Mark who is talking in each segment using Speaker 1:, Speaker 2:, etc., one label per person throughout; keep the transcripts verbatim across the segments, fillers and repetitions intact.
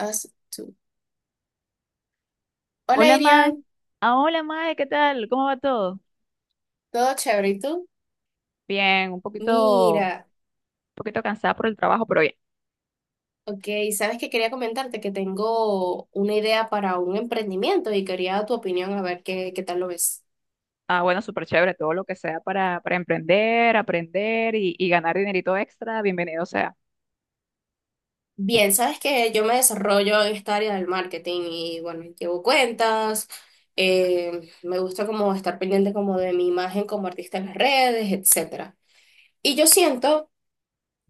Speaker 1: Us Two. Hola,
Speaker 2: Hola, Mae.
Speaker 1: Irian.
Speaker 2: Ah, hola, Mae, ¿qué tal? ¿Cómo va todo?
Speaker 1: ¿Todo chévere? ¿Y tú?
Speaker 2: Bien, un poquito, un
Speaker 1: Mira,
Speaker 2: poquito cansada por el trabajo, pero bien.
Speaker 1: ok, sabes que quería comentarte que tengo una idea para un emprendimiento y quería tu opinión a ver qué, qué tal lo ves.
Speaker 2: Ah, bueno, súper chévere, todo lo que sea para, para emprender, aprender y, y ganar dinerito extra, bienvenido sea.
Speaker 1: Bien, sabes que yo me desarrollo en esta área del marketing y bueno, llevo cuentas, eh, me gusta como estar pendiente como de mi imagen como artista en las redes, etcétera. Y yo siento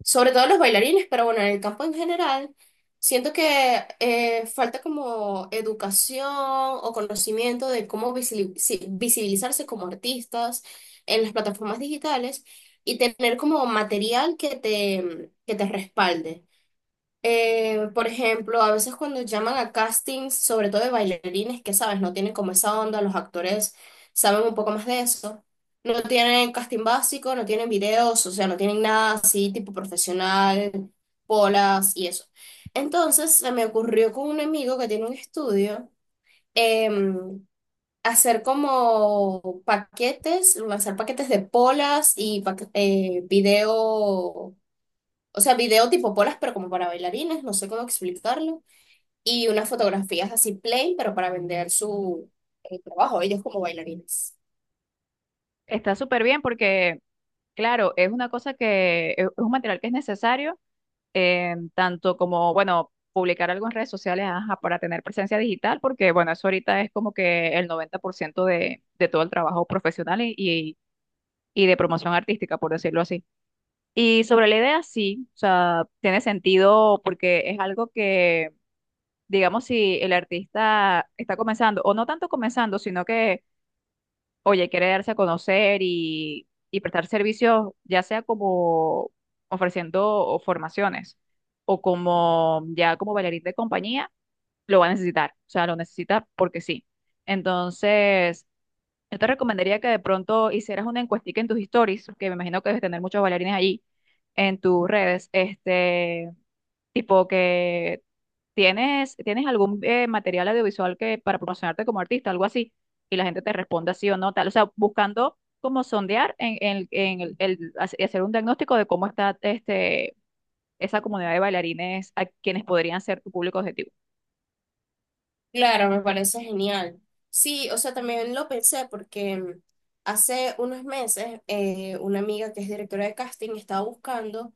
Speaker 1: sobre todo los bailarines, pero bueno, en el campo en general, siento que eh, falta como educación o conocimiento de cómo visili- si- visibilizarse como artistas en las plataformas digitales y tener como material que te, que te respalde. Eh, por ejemplo, a veces cuando llaman a castings, sobre todo de bailarines, que sabes, no tienen como esa onda, los actores saben un poco más de eso. No tienen casting básico, no tienen videos, o sea, no tienen nada así tipo profesional, polas y eso. Entonces se me ocurrió con un amigo que tiene un estudio em, hacer como paquetes, lanzar paquetes de polas y paque- eh, video, o sea, video tipo polas, pero como para bailarines, no sé cómo explicarlo. Y unas fotografías así plain, pero para vender su eh, trabajo, ellos como bailarines.
Speaker 2: Está súper bien porque, claro, es una cosa que es es un material que es necesario, eh, tanto como, bueno, publicar algo en redes sociales, ajá, para tener presencia digital, porque, bueno, eso ahorita es como que el noventa por ciento de, de todo el trabajo profesional y, y y de promoción artística, por decirlo así. Y sobre la idea, sí, o sea, tiene sentido porque es algo que, digamos, si el artista está comenzando, o no tanto comenzando, sino que, oye, quiere darse a conocer y, y prestar servicios, ya sea como ofreciendo o formaciones o como ya como bailarín de compañía, lo va a necesitar, o sea, lo necesita porque sí. Entonces, yo te recomendaría que de pronto hicieras una encuestica en tus stories, que me imagino que debes tener muchos bailarines allí, en tus redes, este, tipo que tienes, tienes algún eh, material audiovisual que para promocionarte como artista, algo así, y la gente te responda sí o no, tal, o sea, buscando como sondear en, en- en el, el- hace- hacer un diagnóstico de cómo está este, esa comunidad de bailarines a quienes podrían ser tu público objetivo.
Speaker 1: Claro, me parece genial. Sí, o sea, también lo pensé porque mm, hace unos meses eh, una amiga que es directora de casting estaba buscando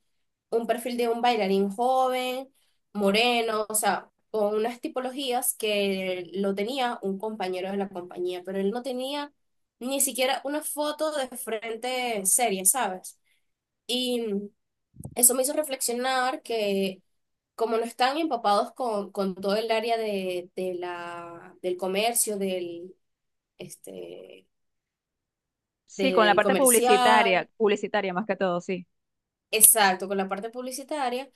Speaker 1: un perfil de un bailarín joven, moreno, o sea, con unas tipologías que lo tenía un compañero de la compañía, pero él no tenía ni siquiera una foto de frente seria, ¿sabes? Y mm, eso me hizo reflexionar que como no están empapados con, con todo el área de, de la, del comercio, del, este,
Speaker 2: Sí, con la
Speaker 1: del
Speaker 2: parte
Speaker 1: comercial,
Speaker 2: publicitaria, publicitaria más que todo, sí.
Speaker 1: exacto, con la parte publicitaria,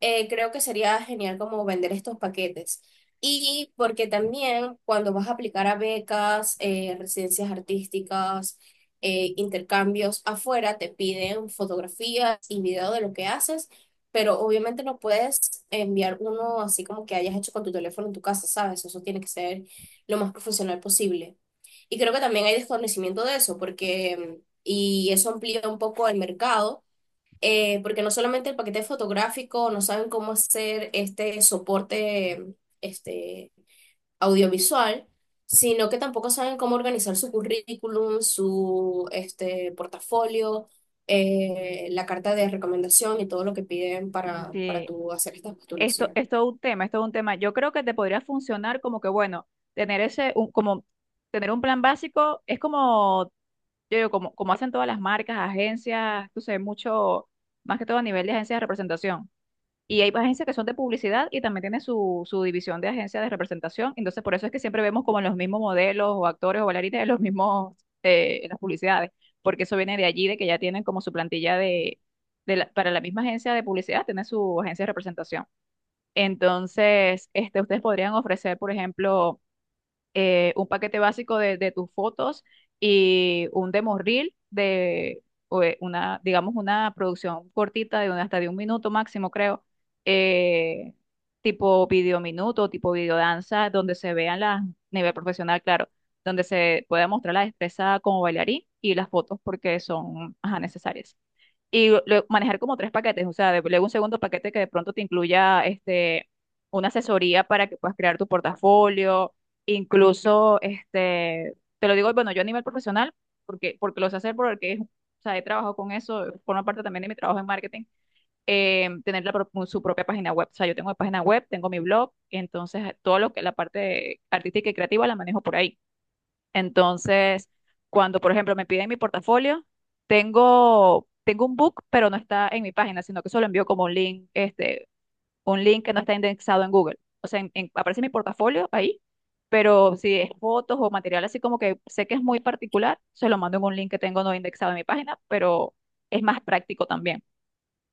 Speaker 1: eh, creo que sería genial como vender estos paquetes. Y porque también cuando vas a aplicar a becas, eh, residencias artísticas, eh, intercambios afuera, te piden fotografías y video de lo que haces, pero obviamente no puedes enviar uno así como que hayas hecho con tu teléfono en tu casa, ¿sabes? Eso tiene que ser lo más profesional posible. Y creo que también hay desconocimiento de eso, porque, y eso amplía un poco el mercado, eh, porque no solamente el paquete fotográfico, no saben cómo hacer este soporte, este, audiovisual, sino que tampoco saben cómo organizar su currículum, su este, portafolio, eh, la carta de recomendación y todo lo que piden para, para
Speaker 2: Sí.
Speaker 1: tú hacer esta
Speaker 2: Esto, esto
Speaker 1: postulación.
Speaker 2: es todo un tema, esto es todo un tema. Yo creo que te podría funcionar como que, bueno, tener ese, un- como tener un plan básico es como, yo digo, como, como, hacen todas las marcas, agencias, tú sabes, mucho, más que todo a nivel de agencias de representación. Y hay agencias que son de publicidad y también tienen su, su división de agencias de representación. Entonces, por eso es que siempre vemos como los mismos modelos o actores o bailarinas en los mismos, eh, en las publicidades, porque eso viene de allí, de que ya tienen como su plantilla de, de la- para la misma agencia de publicidad, tiene su agencia de representación. Entonces, este, ustedes podrían ofrecer, por ejemplo, eh, un paquete básico de, de tus fotos y un demo reel de o, eh, una, digamos, una producción cortita de un- hasta de un minuto máximo, creo, eh, tipo video minuto, tipo video danza, donde se vean las, nivel profesional, claro, donde se pueda mostrar la destreza como bailarín y las fotos porque son, ajá, necesarias y lo- manejar como tres paquetes, o sea, de- luego un segundo paquete que de pronto te incluya este, una asesoría para que puedas crear tu portafolio, incluso, este, te lo digo, bueno, yo a nivel profesional, porque, porque lo sé hacer, porque es- o sea, he trabajado con eso, forma parte también de mi trabajo en marketing, eh, tener la pro- su propia página web, o sea, yo tengo mi página web, tengo mi blog, entonces todo lo que la parte artística y creativa la manejo por ahí. Entonces, cuando, por ejemplo, me piden mi portafolio, tengo, tengo un book, pero no está en mi página, sino que solo envío como un link, este, un link que no está indexado en Google. O sea, en- en- aparece mi portafolio ahí, pero si es fotos o material así como que sé que es muy particular, se lo mando en un link que tengo no indexado en mi página, pero es más práctico también.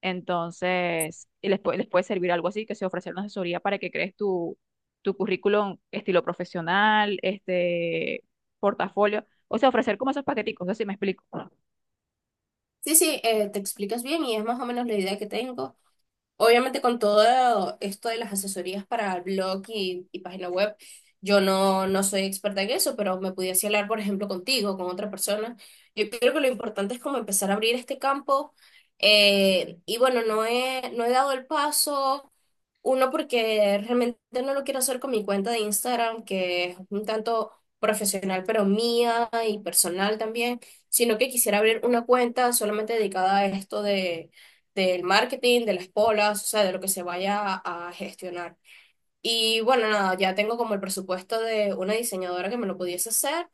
Speaker 2: Entonces, y les, puede- les puede servir algo así, que se ofrecer una asesoría para que crees tu, tu, currículum estilo profesional, este portafolio, o sea, ofrecer como esos paqueticos, no sé si me explico.
Speaker 1: Sí, sí, eh, te explicas bien y es más o menos la idea que tengo. Obviamente con todo esto de las asesorías para blog y, y página web, yo no, no soy experta en eso, pero me pudiese hablar, por ejemplo, contigo, con otra persona. Yo creo que lo importante es como empezar a abrir este campo. Eh, y bueno, no he, no he dado el paso, uno porque realmente no lo quiero hacer con mi cuenta de Instagram, que es un tanto profesional, pero mía y personal también, sino que quisiera abrir una cuenta solamente dedicada a esto del marketing, de las polas, o sea, de lo que se vaya a a gestionar. Y bueno, nada, ya tengo como el presupuesto de una diseñadora que me lo pudiese hacer,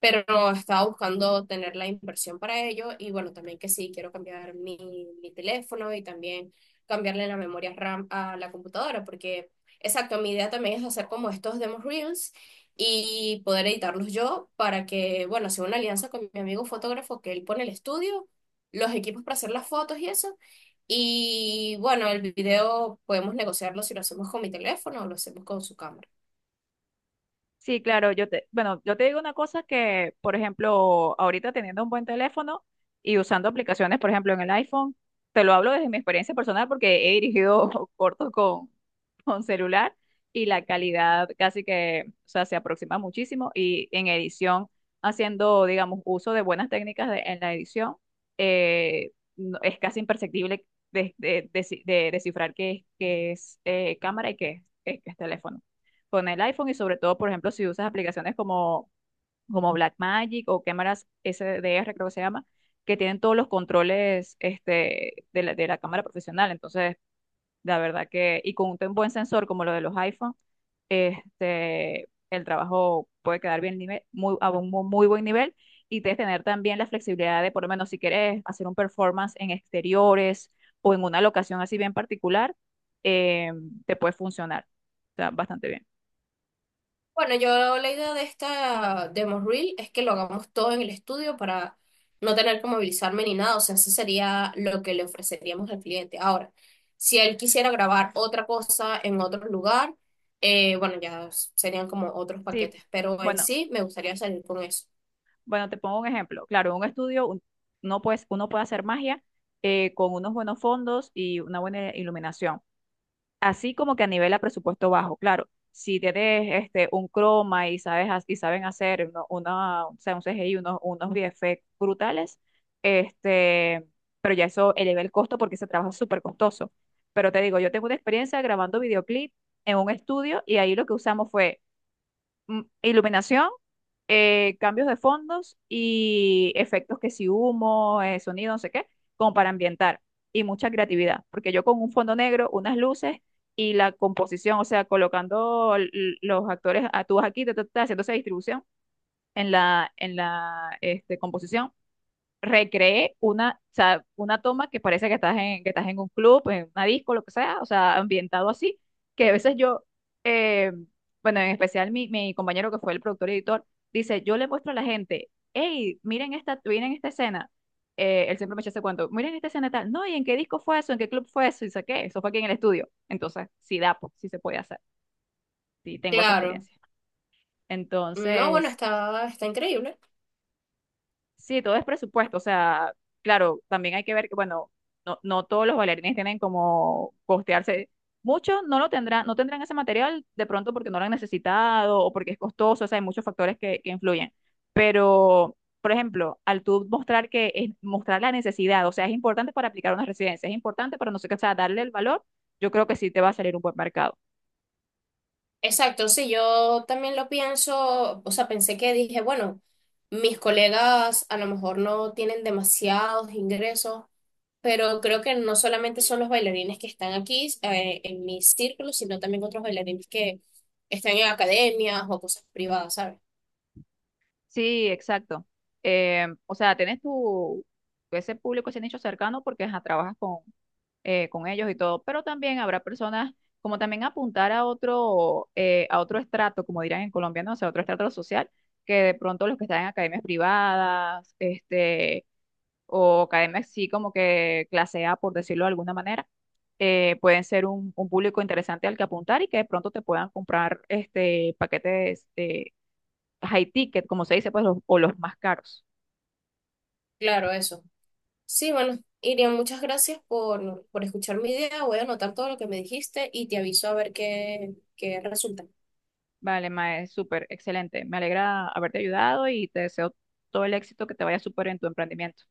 Speaker 1: pero no estaba buscando tener la inversión para ello. Y bueno, también que sí, quiero cambiar mi, mi teléfono y también cambiarle la memoria R A M a la computadora, porque exacto, mi idea también es hacer como estos demos reels y poder editarlos yo para que, bueno, hacer una alianza con mi amigo fotógrafo que él pone el estudio, los equipos para hacer las fotos y eso, y bueno, el video podemos negociarlo si lo hacemos con mi teléfono o lo hacemos con su cámara.
Speaker 2: Sí, claro, yo te, bueno, yo te digo una cosa que, por ejemplo, ahorita teniendo un buen teléfono y usando aplicaciones, por ejemplo, en el iPhone, te lo hablo desde mi experiencia personal porque he dirigido cortos con, con, celular y la calidad casi que, o sea, se aproxima muchísimo y en edición, haciendo, digamos, uso de buenas técnicas de- en la edición, eh, no- es casi imperceptible de, de- de- de descifrar qué es, qué es, eh, cámara y qué es, qué es teléfono con el iPhone y sobre todo, por ejemplo, si usas aplicaciones como, como, Blackmagic o cámaras S D R, creo que se llama, que tienen todos los controles este, de la, de la cámara profesional. Entonces, la verdad que, y con un buen sensor como lo de los iPhone, este, el trabajo puede quedar bien nivel, muy, a un mu- muy buen nivel y de tener también la flexibilidad de, por lo menos, si quieres hacer un performance en exteriores o en una locación así bien particular, eh, te puede funcionar. O sea, bastante bien.
Speaker 1: Bueno, yo la idea de esta demo reel es que lo hagamos todo en el estudio para no tener que movilizarme ni nada. O sea, eso sería lo que le ofreceríamos al cliente. Ahora, si él quisiera grabar otra cosa en otro lugar, eh, bueno, ya serían como otros
Speaker 2: Sí,
Speaker 1: paquetes. Pero en
Speaker 2: bueno,
Speaker 1: sí, me gustaría salir con eso.
Speaker 2: bueno, te pongo un ejemplo. Claro, un estudio, un- uno, pues, uno puede hacer magia, eh, con unos buenos fondos y una buena iluminación. Así como que a nivel a presupuesto bajo, claro. Si tienes este, un croma y sabes ha- y saben hacer uno- una, o sea, un C G I, unos, unos, V F X brutales, este, pero ya eso eleva el costo porque ese trabajo es súper costoso. Pero te digo, yo tengo una experiencia grabando videoclip en un estudio y ahí lo que usamos fue mm, iluminación, eh, cambios de fondos y efectos que si humo, eh, sonido, no sé qué, como para ambientar. Y mucha creatividad, porque yo con un fondo negro, unas luces y la composición, o sea, colocando l- los actores actúas aquí, ta, ta, ta, haciendo esa distribución en la, en la, este, composición recreé una, o sea, una toma que parece que estás en, que estás en un club, en una disco, lo que sea, o sea, ambientado así, que a veces yo, eh, bueno, en especial mi, mi, compañero que fue el productor y editor, dice, yo le muestro a la gente, hey, miren esta, miren esta escena, eh, él siempre me echa ese cuento, miren esta escena tal, no, ¿y en qué disco fue eso? ¿En qué club fue eso? Y sé qué, eso fue aquí en el estudio. Entonces, sí da, pues, sí se puede hacer, sí tengo esa
Speaker 1: Claro.
Speaker 2: experiencia.
Speaker 1: No, bueno,
Speaker 2: Entonces,
Speaker 1: está, está increíble.
Speaker 2: sí, todo es presupuesto, o sea, claro, también hay que ver que, bueno, no, no todos los bailarines tienen como costearse. Muchos no lo tendrán, no tendrán ese material de pronto porque no lo han necesitado o porque es costoso, o sea, hay muchos factores que, que influyen. Pero, por ejemplo, al tú mostrar que es mostrar la necesidad, o sea, es importante para aplicar una residencia, es importante para no sé qué, o sea, darle el valor, yo creo que sí te va a salir un buen mercado.
Speaker 1: Exacto, sí, yo también lo pienso, o sea, pensé que dije, bueno, mis colegas a lo mejor no tienen demasiados ingresos, pero creo que no solamente son los bailarines que están aquí, eh, en mi círculo, sino también otros bailarines que están en academias o cosas privadas, ¿sabes?
Speaker 2: Sí, exacto. Eh, o sea, tienes tu, ese público, ese nicho cercano porque ajá, trabajas con eh, con ellos y todo, pero también habrá personas como también apuntar a otro, eh, a otro estrato, como dirán en Colombia, no sé, otro estrato social, que de pronto los que están en academias privadas, este, o academias sí como que clase A, por decirlo de alguna manera, eh, pueden ser un, un, público interesante al que apuntar y que de pronto te puedan comprar este paquetes eh, high ticket, como se dice, pues, los- o los más caros.
Speaker 1: Claro, eso. Sí, bueno, Irian, muchas gracias por, por escuchar mi idea, voy a anotar todo lo que me dijiste y te aviso a ver qué, qué resulta.
Speaker 2: Vale, Mae, súper, excelente. Me alegra haberte ayudado y te deseo todo el éxito que te vaya súper en tu emprendimiento.